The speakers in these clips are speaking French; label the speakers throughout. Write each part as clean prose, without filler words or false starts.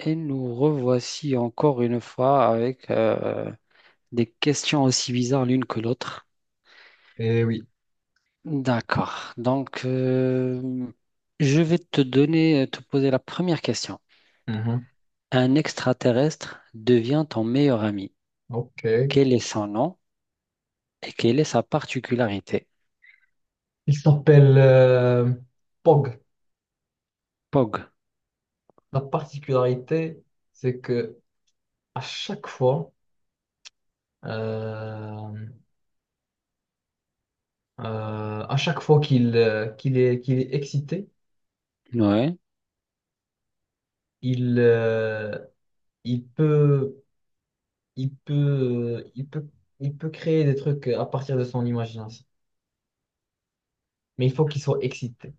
Speaker 1: Et nous revoici encore une fois avec des questions aussi bizarres l'une que l'autre.
Speaker 2: Eh oui.
Speaker 1: D'accord. Donc, je vais te donner, te poser la première question.
Speaker 2: Mhm.
Speaker 1: Un extraterrestre devient ton meilleur ami.
Speaker 2: Ok.
Speaker 1: Quel est son nom et quelle est sa particularité?
Speaker 2: Il s'appelle Pog.
Speaker 1: Pog.
Speaker 2: La particularité, c'est que à chaque fois, euh, à chaque fois qu'il qu'il est excité,
Speaker 1: Ouais.
Speaker 2: il euh, il peut il peut il peut créer des trucs à partir de son imagination. Mais il faut qu'il soit excité.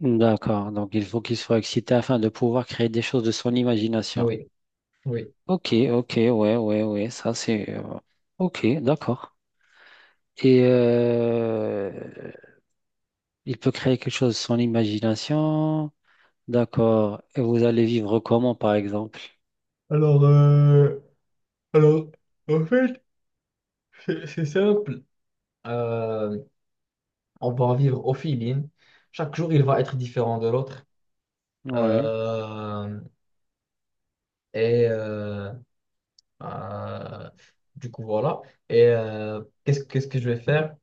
Speaker 1: D'accord. Donc, il faut qu'il soit excité afin de pouvoir créer des choses de son imagination.
Speaker 2: Oui, oui.
Speaker 1: Ok, ok, ouais, ouais, ouais. Ça, c'est. Ok, d'accord. Et il peut créer quelque chose, son imagination. D'accord. Et vous allez vivre comment, par exemple?
Speaker 2: Alors, euh, alors, en fait, c'est simple. On va en vivre au feeling. Chaque jour, il va être différent de l'autre.
Speaker 1: Ouais.
Speaker 2: Euh, et euh, euh, du coup, voilà. Et qu'est-ce que je vais faire?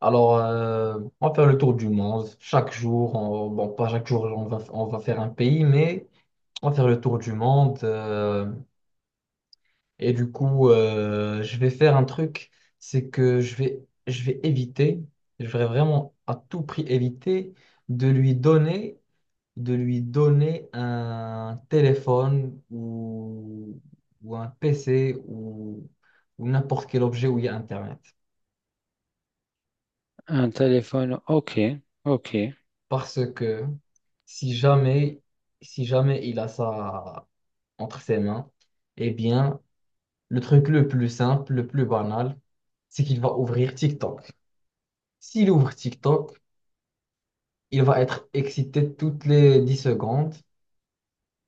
Speaker 2: Alors, on va faire le tour du monde. Chaque jour, bon, pas chaque jour, on va faire un pays, mais on va faire le tour du monde. Et du coup, je vais faire un truc, c'est que je vais éviter, je vais vraiment à tout prix éviter de lui donner. De lui donner un téléphone ou un PC ou n'importe quel objet où il y a Internet.
Speaker 1: Un téléphone. Ok. Ok.
Speaker 2: Parce que si jamais, si jamais il a ça entre ses mains, eh bien, le truc le plus simple, le plus banal, c'est qu'il va ouvrir TikTok. S'il ouvre TikTok, il va être excité toutes les 10 secondes.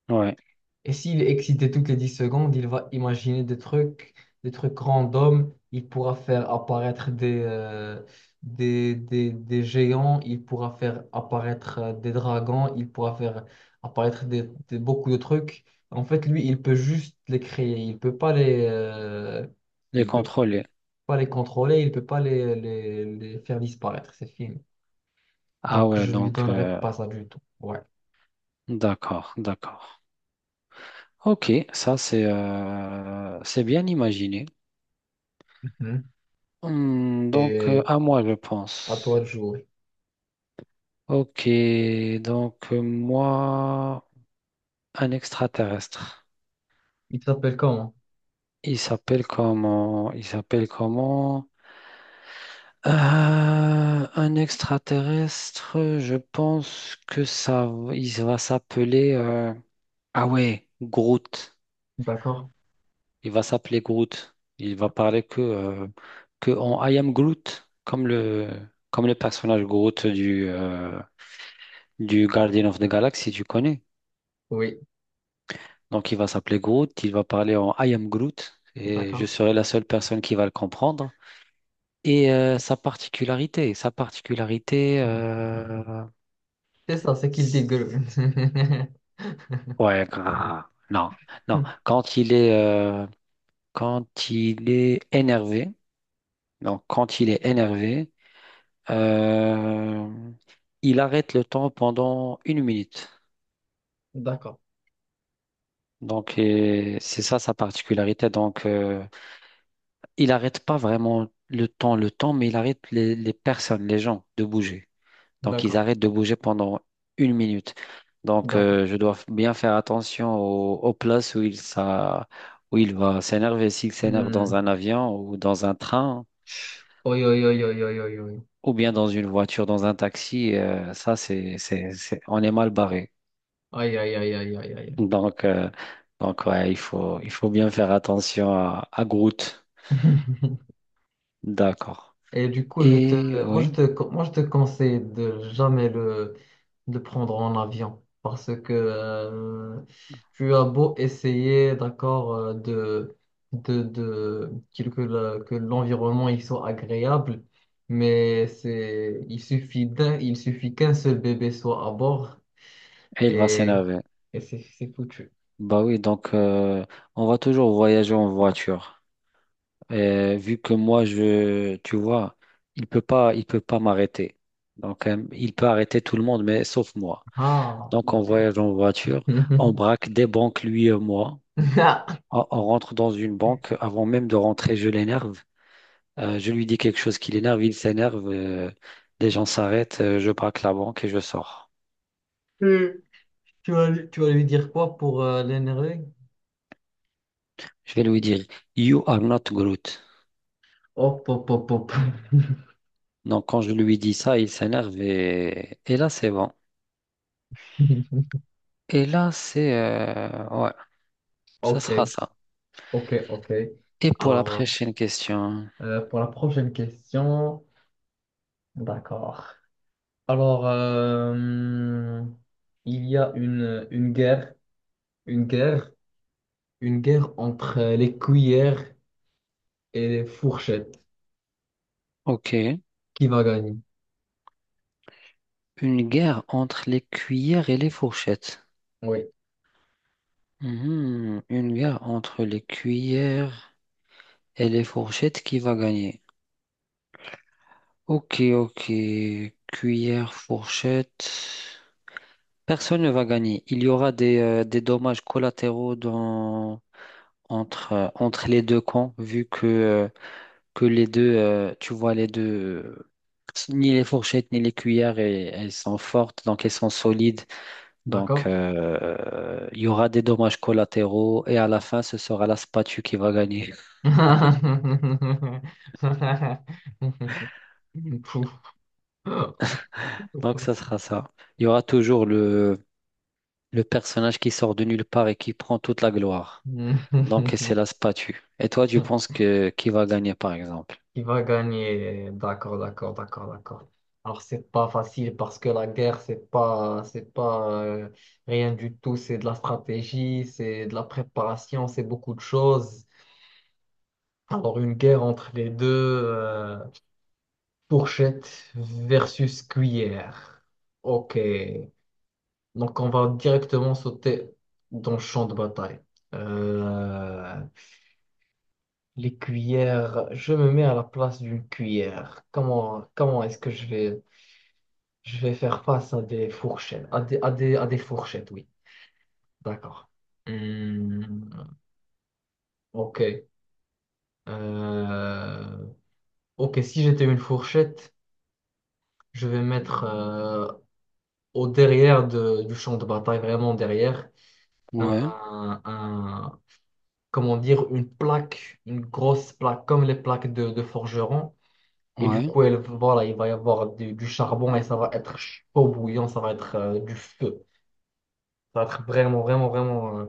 Speaker 1: Ouais.
Speaker 2: Et s'il est excité toutes les 10 secondes, il va imaginer des trucs random. Il pourra faire apparaître des géants, il pourra faire apparaître des dragons, il pourra faire apparaître beaucoup de trucs. En fait, lui, il peut juste les créer. Il peut pas les,
Speaker 1: Les
Speaker 2: il peut
Speaker 1: contrôler.
Speaker 2: pas les contrôler, il peut pas les faire disparaître. C'est fini.
Speaker 1: Ah
Speaker 2: Donc,
Speaker 1: ouais,
Speaker 2: je lui
Speaker 1: donc
Speaker 2: donnerai pas ça du tout. Ouais.
Speaker 1: d'accord, d'accord. Ok, ça c'est bien imaginé.
Speaker 2: Mhm.
Speaker 1: Hmm, donc
Speaker 2: Et
Speaker 1: à moi, je
Speaker 2: à toi
Speaker 1: pense.
Speaker 2: de jouer.
Speaker 1: Ok, donc moi, un extraterrestre.
Speaker 2: Il s'appelle comment?
Speaker 1: Il s'appelle comment? Il s'appelle comment? Euh, un extraterrestre, je pense que ça, il va s'appeler. Ah ouais, Groot.
Speaker 2: D'accord.
Speaker 1: Il va s'appeler Groot. Il va parler que en I am Groot, comme comme le personnage Groot du du Guardian of the Galaxy, tu connais.
Speaker 2: Oui,
Speaker 1: Donc il va s'appeler Groot, il va parler en I am Groot, et je
Speaker 2: d'accord.
Speaker 1: serai la seule personne qui va le comprendre. Et sa particularité,
Speaker 2: C'est ça, c'est qu'il dit grue.
Speaker 1: Ouais, grave. Non, non. Euh, quand il est énervé, donc quand il est énervé, euh, il arrête le temps pendant une minute.
Speaker 2: D'accord,
Speaker 1: Donc, et c'est ça sa particularité. Donc, il arrête pas vraiment le temps, mais il arrête les personnes, les gens de bouger. Donc, ils
Speaker 2: d'accord,
Speaker 1: arrêtent de bouger pendant une minute. Donc,
Speaker 2: d'accord.
Speaker 1: je dois bien faire attention aux places où il, ça, où il va s'énerver. S'il s'énerve dans
Speaker 2: Hmm.
Speaker 1: un avion ou dans un train
Speaker 2: Oi, oi, oi, oi, oi, oi, oi.
Speaker 1: ou bien dans une voiture, dans un taxi, ça, c'est on est mal barré.
Speaker 2: Aïe, aïe, aïe, aïe, aïe,
Speaker 1: Donc, euh, donc ouais, il faut bien faire attention à Groot.
Speaker 2: aïe.
Speaker 1: D'accord.
Speaker 2: Et du coup,
Speaker 1: Et oui,
Speaker 2: moi, je te conseille de jamais de le prendre en avion parce que tu as beau essayer, d'accord, de, que l'environnement il soit agréable, mais c'est, il suffit qu'un seul bébé soit à bord
Speaker 1: et il va
Speaker 2: et,
Speaker 1: s'énerver.
Speaker 2: et c'est foutu.
Speaker 1: Bah oui, donc on va toujours voyager en voiture. Vu que moi, je, tu vois, il peut pas m'arrêter. Donc, il peut arrêter tout le monde, mais sauf moi.
Speaker 2: Ah,
Speaker 1: Donc, on
Speaker 2: ok.
Speaker 1: voyage en voiture, on braque des banques, lui et moi. On rentre dans une banque. Avant même de rentrer, je l'énerve. Je lui dis quelque chose qui l'énerve, il s'énerve. Les gens s'arrêtent, je braque la banque et je sors.
Speaker 2: Lui tu vas lui dire quoi pour l'énerver?
Speaker 1: Je vais lui dire, You are not Groot.
Speaker 2: Hop, hop, hop, hop.
Speaker 1: Donc, quand je lui dis ça, il s'énerve et là, c'est bon. Et là, c'est... ouais, ce
Speaker 2: Ok,
Speaker 1: sera ça.
Speaker 2: ok, ok.
Speaker 1: Et pour la
Speaker 2: Alors,
Speaker 1: prochaine question,
Speaker 2: pour la prochaine question, d'accord. Alors, il y a une guerre, une guerre, une guerre entre les cuillères et les fourchettes.
Speaker 1: ok.
Speaker 2: Qui va gagner?
Speaker 1: Une guerre entre les cuillères et les fourchettes.
Speaker 2: Oui,
Speaker 1: Mhm. Une guerre entre les cuillères et les fourchettes qui va gagner. Ok, ok. Cuillère, fourchette. Personne ne va gagner. Il y aura des dommages collatéraux dans, entre, entre les deux camps, vu que les deux, tu vois, les deux, euh, ni les fourchettes ni les cuillères, et elles sont fortes, donc elles sont solides. Donc,
Speaker 2: d'accord?
Speaker 1: il y aura des dommages collatéraux et à la fin, ce sera la spatule qui va gagner.
Speaker 2: Pouf.
Speaker 1: Donc, ça sera ça. Il y aura toujours le personnage qui sort de nulle part et qui prend toute la gloire. Donc, c'est la spatule. Et toi, tu penses que qui va gagner, par exemple?
Speaker 2: Qui va gagner? D'accord, d'accord, d'accord, d'accord. Alors, c'est pas facile parce que la guerre, c'est pas rien du tout. C'est de la stratégie, c'est de la préparation, c'est beaucoup de choses. Alors, une guerre entre les deux, euh, fourchette versus cuillère. Ok. Donc, on va directement sauter dans le champ de bataille. Euh, les cuillères, je me mets à la place d'une cuillère. Comment est-ce que je vais. Je vais faire face à des fourchettes. À des fourchettes, oui. D'accord. Hmm, ok. Euh, ok, si j'étais une fourchette, je vais mettre au derrière du champ de bataille, vraiment derrière,
Speaker 1: Ouais,
Speaker 2: un, un- comment dire, une grosse plaque, comme les plaques de forgeron. Et du
Speaker 1: ouais.
Speaker 2: coup, elle, voilà, il va y avoir du charbon et ça va être chaud bouillant, ça va être du feu. Ça va être vraiment.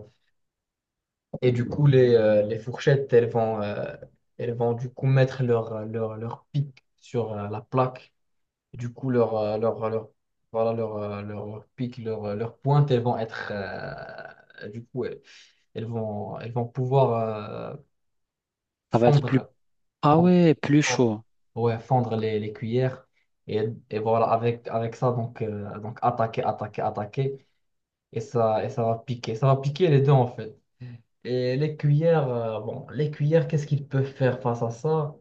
Speaker 2: Et du coup, les fourchettes, elles vont du coup mettre leur pic sur la plaque. Et du coup, leur pic, leur pointe, elles vont être. Du coup, elles vont pouvoir
Speaker 1: Ça va être plus...
Speaker 2: fendre,
Speaker 1: Ah
Speaker 2: fendre,
Speaker 1: ouais, plus
Speaker 2: fendre-
Speaker 1: chaud.
Speaker 2: ouais, fondre les cuillères. Et, et voilà, avec ça, donc attaquer. Et ça va piquer. Ça va piquer les deux, en fait. Et les cuillères, bon, les cuillères, qu'est-ce qu'ils peuvent faire face à ça?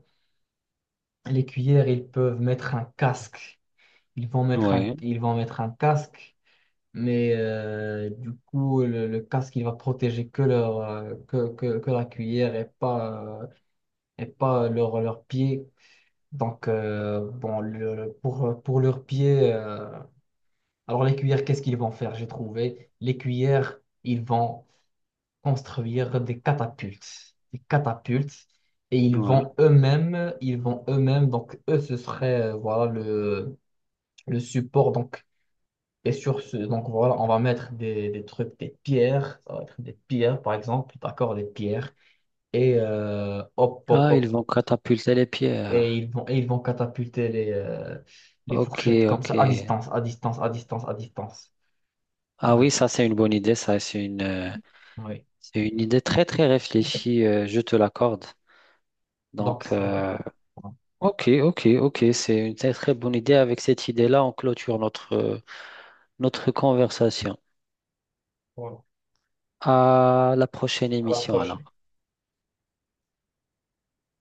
Speaker 2: Les cuillères, ils peuvent mettre un casque.
Speaker 1: Ouais,
Speaker 2: Ils vont mettre un casque, mais du coup, le casque, il va protéger que leur, que la cuillère et pas leur, leur pied. Donc, bon, pour leurs pieds, alors les cuillères, qu'est-ce qu'ils vont faire? J'ai trouvé. Les cuillères, ils vont construire des catapultes. Des catapultes. Et
Speaker 1: ouais.
Speaker 2: ils vont eux-mêmes, donc eux, ce serait voilà, le support. Donc, et sur ce, donc voilà, on va mettre des trucs, des pierres, ça va être des pierres par exemple, d'accord, des pierres. Et hop, hop,
Speaker 1: Ah, ils
Speaker 2: hop.
Speaker 1: vont catapulter les pierres.
Speaker 2: Et ils vont catapulter les
Speaker 1: Ok,
Speaker 2: fourchettes comme
Speaker 1: ok.
Speaker 2: ça, à distance, à distance, à distance, à distance. Ça
Speaker 1: Ah
Speaker 2: va
Speaker 1: oui,
Speaker 2: être.
Speaker 1: ça, c'est une bonne idée. Ça,
Speaker 2: Oui.
Speaker 1: c'est une idée très, très réfléchie. Je te l'accorde.
Speaker 2: Donc,
Speaker 1: Donc,
Speaker 2: ouais. Voilà.
Speaker 1: ok, ok, ok, c'est une très très bonne idée. Avec cette idée-là, on clôture notre, notre conversation.
Speaker 2: Voilà.
Speaker 1: À la prochaine
Speaker 2: À la
Speaker 1: émission,
Speaker 2: prochaine.
Speaker 1: alors.